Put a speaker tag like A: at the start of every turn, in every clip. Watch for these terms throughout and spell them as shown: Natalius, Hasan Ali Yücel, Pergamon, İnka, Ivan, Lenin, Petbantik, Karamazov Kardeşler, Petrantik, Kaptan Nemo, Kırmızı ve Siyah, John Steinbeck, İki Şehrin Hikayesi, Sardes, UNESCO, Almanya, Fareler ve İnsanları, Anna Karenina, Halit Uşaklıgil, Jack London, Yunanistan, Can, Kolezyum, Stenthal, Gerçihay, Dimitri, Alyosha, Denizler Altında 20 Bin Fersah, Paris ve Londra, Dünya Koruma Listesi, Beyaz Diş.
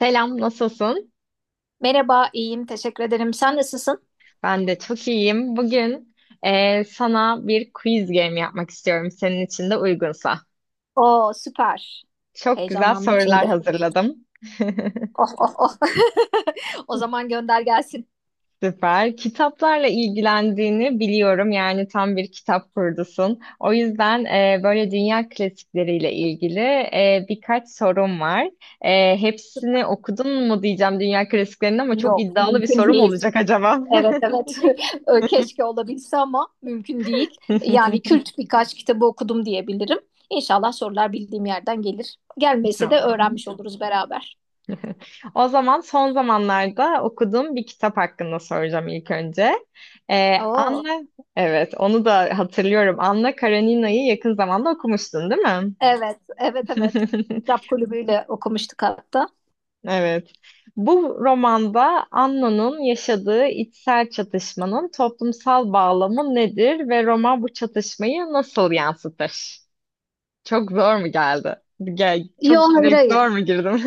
A: Selam, nasılsın?
B: Merhaba, iyiyim. Teşekkür ederim. Sen nasılsın?
A: Ben de çok iyiyim. Bugün sana bir quiz game yapmak istiyorum senin için de uygunsa.
B: Oo, süper.
A: Çok güzel
B: Heyecanlandım
A: sorular
B: şimdi.
A: hazırladım.
B: Oh, oh, oh. O zaman gönder gelsin.
A: Süper. Kitaplarla ilgilendiğini biliyorum. Yani tam bir kitap kurdusun. O yüzden böyle dünya klasikleriyle ilgili birkaç sorum var. Hepsini okudun mu diyeceğim dünya klasiklerinin ama çok
B: Yok,
A: iddialı bir
B: mümkün
A: sorum
B: değil.
A: olacak acaba?
B: Evet, evet. Keşke olabilse ama mümkün değil. Yani kült birkaç kitabı okudum diyebilirim. İnşallah sorular bildiğim yerden gelir. Gelmese de
A: Tamam.
B: öğrenmiş oluruz beraber.
A: O zaman son zamanlarda okuduğum bir kitap hakkında soracağım ilk önce.
B: Oo,
A: Anna, evet onu da hatırlıyorum. Anna Karenina'yı yakın zamanda okumuştun, değil mi?
B: evet, evet, evet. Kitap kulübüyle okumuştuk hatta.
A: Evet. Bu romanda Anna'nın yaşadığı içsel çatışmanın toplumsal bağlamı nedir ve roman bu çatışmayı nasıl yansıtır? Çok zor mu geldi? Gel,
B: Yok,
A: çok
B: hayır,
A: direkt
B: hayır.
A: zor mu girdim?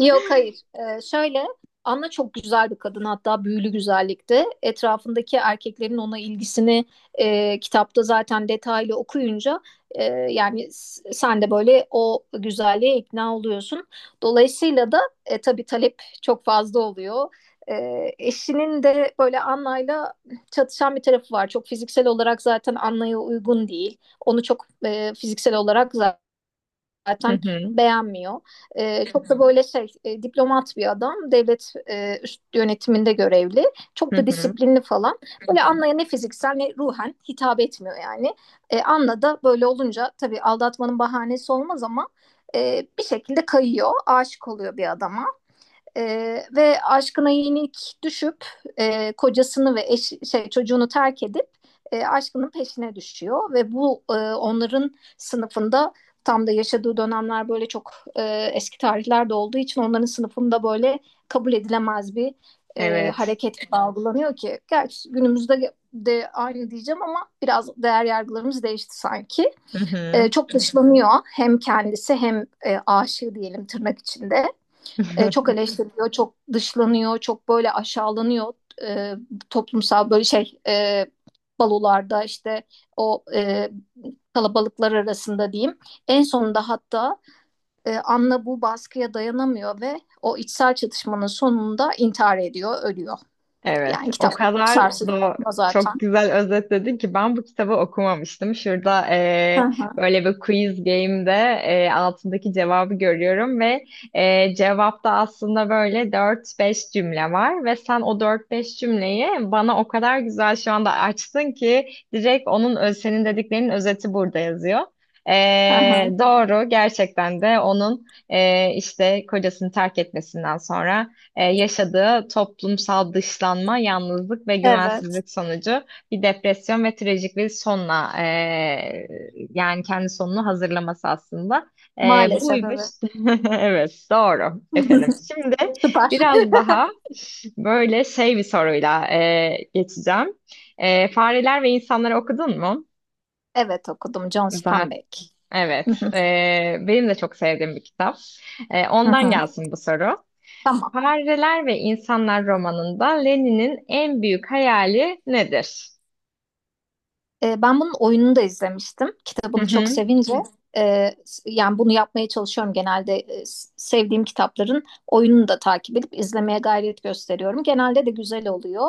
B: Yok hayır. Şöyle, Anna çok güzel bir kadın, hatta büyülü güzellikte. Etrafındaki erkeklerin ona ilgisini kitapta zaten detaylı okuyunca, e, yani sen de böyle o güzelliğe ikna oluyorsun. Dolayısıyla da tabii talep çok fazla oluyor. E, Eşinin de böyle Anna'yla çatışan bir tarafı var. Çok fiziksel olarak zaten Anna'ya uygun değil. Onu çok fiziksel olarak
A: Hı
B: zaten
A: hı,
B: beğenmiyor. Çok da böyle şey, diplomat bir adam. Devlet üst yönetiminde görevli.
A: hı
B: Çok da
A: hı.
B: disiplinli falan. Böyle Anna'ya ne fiziksel ne ruhen hitap etmiyor yani. Anna da böyle olunca tabii aldatmanın bahanesi olmaz ama bir şekilde kayıyor. Aşık oluyor bir adama. Ve aşkına yenik düşüp kocasını ve şey, çocuğunu terk edip aşkının peşine düşüyor ve bu, onların sınıfında tam da yaşadığı dönemler böyle çok eski tarihlerde olduğu için onların sınıfında böyle kabul edilemez bir
A: Evet.
B: hareket algılanıyor ki, gerçi günümüzde de aynı diyeceğim ama biraz değer yargılarımız değişti sanki.
A: Hı hı.
B: Çok dışlanıyor hem kendisi hem aşığı diyelim, tırnak içinde, çok eleştiriliyor, çok dışlanıyor, çok böyle aşağılanıyor, e, toplumsal böyle şey, balolarda işte o, kalabalıklar arasında diyeyim. En sonunda hatta Anna bu baskıya dayanamıyor ve o içsel çatışmanın sonunda intihar ediyor, ölüyor.
A: Evet,
B: Yani
A: o
B: kitap çok
A: kadar
B: sarsıcı
A: da
B: zaten.
A: çok güzel özetledin ki ben bu kitabı okumamıştım. Şurada
B: Hı hı,
A: böyle bir quiz game'de altındaki cevabı görüyorum ve cevapta aslında böyle dört beş cümle var ve sen o dört beş cümleyi bana o kadar güzel şu anda açtın ki direkt senin dediklerinin özeti burada yazıyor.
B: hı hı.
A: Doğru gerçekten de onun işte kocasını terk etmesinden sonra yaşadığı toplumsal dışlanma, yalnızlık ve
B: Evet,
A: güvensizlik sonucu bir depresyon ve trajik bir sonla yani kendi sonunu hazırlaması aslında.
B: maalesef
A: Buymuş.
B: evet.
A: Evet, doğru efendim. Şimdi
B: Süper.
A: biraz daha böyle şey bir soruyla geçeceğim. Fareler ve İnsanları okudun mu?
B: Evet, okudum, John
A: Zaten
B: Steinbeck. Hı
A: evet.
B: hı,
A: Benim de çok sevdiğim bir kitap.
B: hı
A: Ondan
B: hı.
A: gelsin bu soru.
B: Tamam.
A: Fareler ve İnsanlar romanında Lenin'in en büyük hayali nedir?
B: Ben bunun oyununu da izlemiştim.
A: Hı
B: Kitabını çok
A: hı.
B: sevince, e, yani bunu yapmaya çalışıyorum genelde. Sevdiğim kitapların oyununu da takip edip izlemeye gayret gösteriyorum. Genelde de güzel oluyor.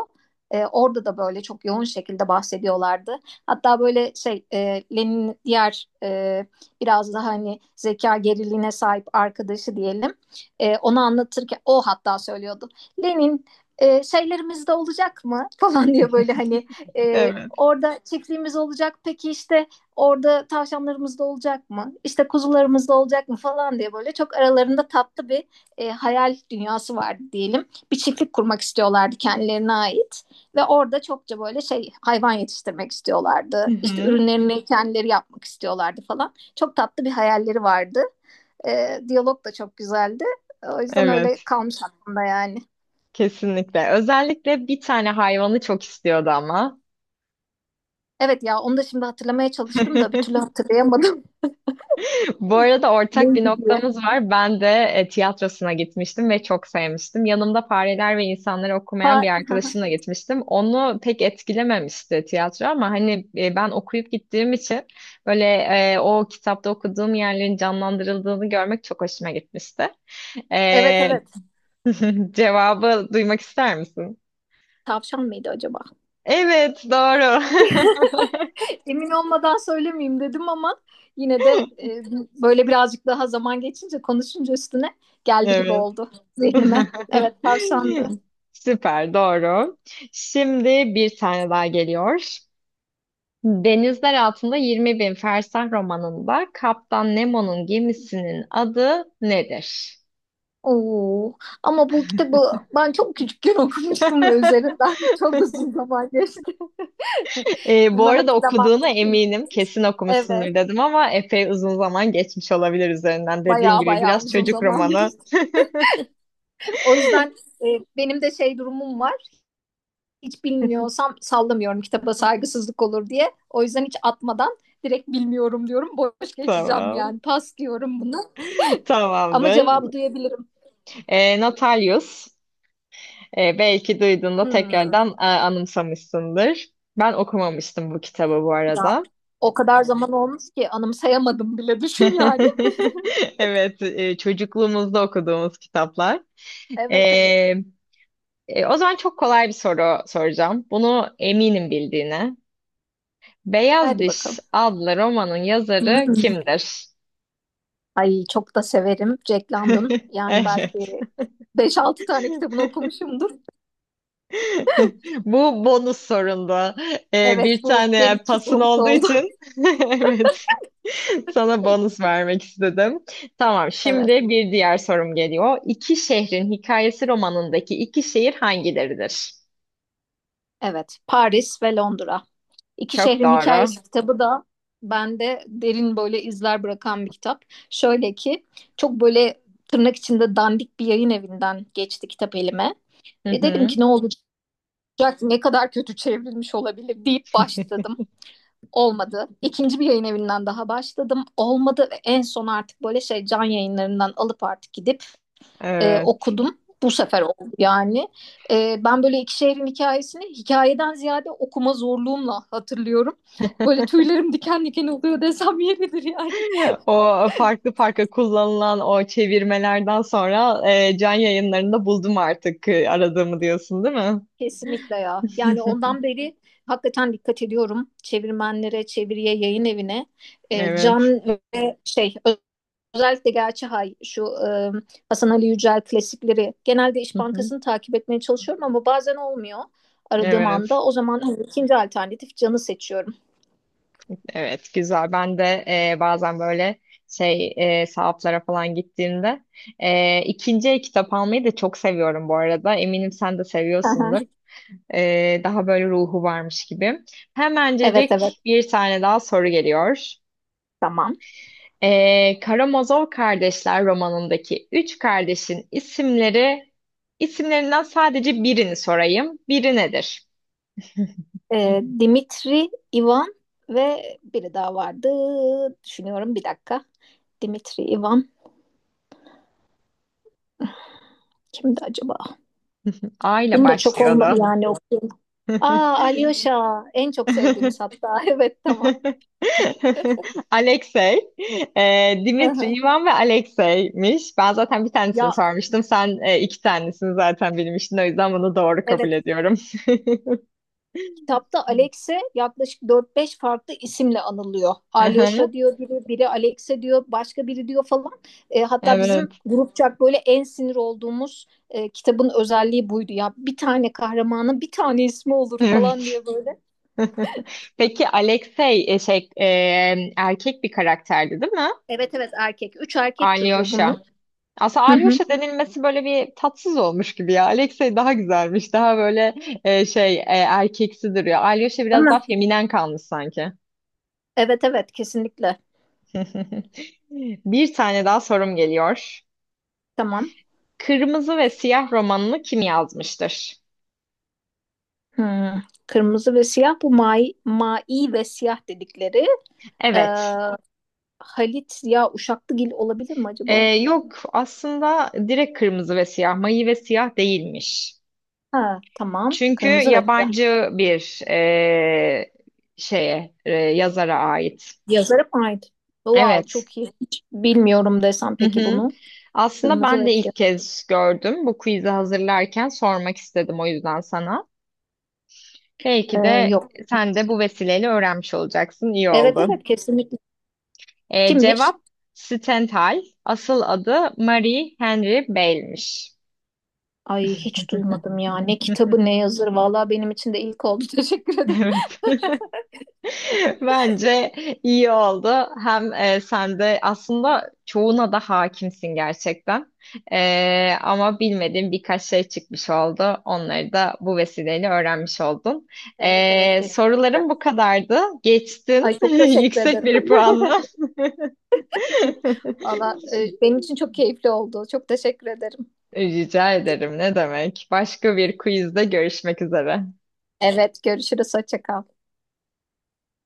B: Orada da böyle çok yoğun şekilde bahsediyorlardı. Hatta böyle şey, Lenin'in diğer, biraz daha hani zeka geriliğine sahip arkadaşı diyelim. Onu anlatırken o hatta söylüyordu. Lenin, şeylerimizde olacak mı falan diye, böyle hani, e,
A: Evet.
B: orada çiftliğimiz olacak. Peki işte orada tavşanlarımız da olacak mı? İşte kuzularımız da olacak mı falan diye, böyle çok aralarında tatlı bir, hayal dünyası vardı diyelim. Bir çiftlik kurmak istiyorlardı kendilerine ait ve orada çokça böyle şey hayvan yetiştirmek
A: Hı
B: istiyorlardı. İşte
A: hı.
B: ürünlerini kendileri yapmak istiyorlardı falan. Çok tatlı bir hayalleri vardı. Diyalog da çok güzeldi. O yüzden öyle
A: Evet.
B: kalmış aklımda yani.
A: Kesinlikle. Özellikle bir tane hayvanı çok istiyordu ama.
B: Evet ya, onu da şimdi hatırlamaya çalıştım da bir türlü hatırlayamadım.
A: Bu arada ortak bir
B: Neydi diye.
A: noktamız var. Ben de tiyatrosuna gitmiştim ve çok sevmiştim. Yanımda Fareler ve İnsanları okumayan bir
B: Ha,
A: arkadaşımla gitmiştim. Onu pek etkilememişti tiyatro ama hani ben okuyup gittiğim için böyle o kitapta okuduğum yerlerin canlandırıldığını görmek çok hoşuma gitmişti.
B: evet
A: E,
B: evet.
A: Cevabı duymak ister misin?
B: Tavşan mıydı acaba?
A: Evet, doğru.
B: Emin olmadan söylemeyeyim dedim ama yine de, e, böyle birazcık daha zaman geçince, konuşunca üstüne geldi gibi
A: Evet.
B: oldu zihnime. Evet, tavşandı.
A: Süper, doğru. Şimdi bir tane daha geliyor. Denizler Altında 20 Bin Fersah romanında Kaptan Nemo'nun gemisinin adı nedir?
B: Oo. Ama bu kitabı ben çok küçükken okumuştum ve üzerinden çok uzun zaman geçti.
A: Bu
B: Bunu
A: arada
B: hatırlamam
A: okuduğuna
B: mümkün. Değil.
A: eminim. Kesin okumuşsundur
B: Evet.
A: dedim ama epey uzun zaman geçmiş olabilir üzerinden. Dediğin
B: Bayağı
A: gibi
B: bayağı
A: biraz
B: uzun
A: çocuk
B: zaman
A: romanı.
B: geçti. O yüzden, e, benim de şey durumum var: hiç bilmiyorsam sallamıyorum, kitaba saygısızlık olur diye. O yüzden hiç atmadan direkt bilmiyorum diyorum. Boş geçeceğim
A: Tamam.
B: yani. Pas diyorum bunu. Ama
A: Tamamdır.
B: cevabı duyabilirim.
A: Natalius. Belki duyduğunda
B: Hmm.
A: tekrardan anımsamışsındır. Ben okumamıştım bu kitabı bu
B: Ya,
A: arada.
B: o kadar zaman olmuş ki anımsayamadım bile, düşün yani.
A: Evet, çocukluğumuzda okuduğumuz kitaplar.
B: Evet evet.
A: E, O zaman çok kolay bir soru soracağım. Bunu eminim bildiğine. Beyaz
B: Hadi
A: Diş
B: bakalım.
A: adlı romanın yazarı
B: Hmm.
A: kimdir?
B: Ay, çok da severim Jack London. Yani
A: Evet.
B: belki beş altı tane kitabını okumuşumdur.
A: Bu bonus sorunda.
B: Evet,
A: Bir
B: bu
A: tane
B: benim için
A: pasın
B: bu
A: olduğu
B: oldu.
A: için. Evet. Sana bonus vermek istedim. Tamam, şimdi
B: Evet.
A: bir diğer sorum geliyor. İki şehrin hikayesi romanındaki iki şehir hangileridir?
B: Evet. Paris ve Londra. İki
A: Çok
B: Şehrin
A: doğru.
B: Hikayesi kitabı da bende derin böyle izler bırakan bir kitap. Şöyle ki, çok böyle tırnak içinde dandik bir yayın evinden geçti kitap elime.
A: Hı
B: E dedim
A: hı.
B: ki ne olacak, ne kadar kötü çevrilmiş olabilir deyip başladım. Olmadı. İkinci bir yayın evinden daha başladım. Olmadı ve en son artık böyle şey Can Yayınlarından alıp artık gidip
A: Evet.
B: okudum. Bu sefer oldu yani. Ben böyle iki şehrin Hikayesi'ni hikayeden ziyade okuma zorluğumla hatırlıyorum. Böyle tüylerim diken diken oluyor desem yeridir yani.
A: O farklı farklı kullanılan o çevirmelerden sonra can yayınlarında buldum artık aradığımı diyorsun, değil mi?
B: Kesinlikle ya. Yani ondan beri hakikaten dikkat ediyorum çevirmenlere, çeviriye, yayın evine. Can
A: Evet.
B: ve şey, özellikle Gerçihay şu, Hasan Ali Yücel klasikleri, genelde İş
A: Hı hı.
B: Bankası'nı takip etmeye çalışıyorum ama bazen olmuyor aradığım
A: Evet.
B: anda. O zaman hani ikinci alternatif Can'ı seçiyorum.
A: Evet, güzel. Ben de bazen böyle sahaflara falan gittiğimde ikinci el kitap almayı da çok seviyorum bu arada. Eminim sen de seviyorsundur. Daha böyle ruhu varmış gibi.
B: Evet evet,
A: Hemencecik bir tane daha soru geliyor.
B: tamam.
A: Karamazov Kardeşler romanındaki üç kardeşin isimlerinden sadece birini sorayım. Biri nedir?
B: Dimitri, Ivan ve biri daha vardı. Düşünüyorum bir dakika. Dimitri, Ivan, kimdi acaba?
A: A ile
B: Bunu da çok olmadı
A: başlıyordu.
B: yani okuyun. Aa, Alyosha, en çok sevdiğimiz hatta. Evet, tamam.
A: Alexey.
B: Hı
A: Dimitri,
B: hı.
A: Ivan ve Alexey'miş. Ben zaten bir tanesini
B: Ya,
A: sormuştum. Sen iki tanesini zaten bilmiştin. O yüzden bunu doğru kabul
B: evet.
A: ediyorum.
B: Kitapta Alex'e yaklaşık dört beş farklı isimle anılıyor.
A: Hı hı.
B: Alyosha diyor biri, biri Alex'e diyor, başka biri diyor falan. Hatta bizim
A: Evet,
B: grupçak böyle en sinir olduğumuz, kitabın özelliği buydu. Ya bir tane kahramanın bir tane ismi olur falan
A: evet.
B: diye böyle.
A: Peki Alexey erkek bir karakterdi, değil mi?
B: Evet evet, erkek. Üç erkek çocuğu
A: Alyosha.
B: bunun.
A: Aslında
B: Hı hı.
A: Alyosha denilmesi böyle bir tatsız olmuş gibi ya. Alexey daha güzelmiş. Daha böyle erkeksi duruyor. Alyosha
B: Değil
A: biraz daha
B: mi?
A: feminen kalmış sanki.
B: Evet evet kesinlikle.
A: Bir tane daha sorum geliyor.
B: Tamam.
A: Kırmızı ve Siyah romanını kim yazmıştır?
B: Hmm. Kırmızı ve Siyah, bu Mai ve Siyah dedikleri. Ee,
A: Evet.
B: Halit ya Uşaklıgil olabilir mi acaba?
A: Yok aslında direkt Kırmızı ve Siyah, Mayı ve Siyah değilmiş.
B: Ha, tamam.
A: Çünkü
B: Kırmızı ve Siyah.
A: yabancı bir yazara ait.
B: Yazarı mı ait? Wow,
A: Evet.
B: çok iyi. Hiç bilmiyorum desem
A: Hı
B: peki
A: hı.
B: bunu.
A: Aslında
B: Kırmızı
A: ben
B: ve
A: de
B: Siyah.
A: ilk kez gördüm. Bu quiz'i hazırlarken sormak istedim o yüzden sana. Belki de
B: Yok.
A: sen de bu vesileyle öğrenmiş olacaksın. İyi
B: Evet
A: oldu.
B: evet kesinlikle. Kimmiş?
A: Cevap Stenthal. Asıl adı Marie Henry Bale'miş.
B: Ay, hiç duymadım ya. Ne kitabı ne yazarı. Vallahi benim için de ilk oldu. Teşekkür ederim.
A: Evet. Bence iyi oldu. Hem sen de aslında çoğuna da hakimsin gerçekten. Ama bilmediğin birkaç şey çıkmış oldu. Onları da bu vesileyle öğrenmiş oldun.
B: Evet evet, kesin.
A: Sorularım bu kadardı. Geçtin.
B: Ay çok teşekkür
A: Yüksek
B: ederim.
A: bir puanla.
B: Valla, benim için çok keyifli oldu. Çok teşekkür ederim.
A: Rica ederim. Ne demek? Başka bir quizde görüşmek üzere.
B: Evet, görüşürüz. Hoşça kal.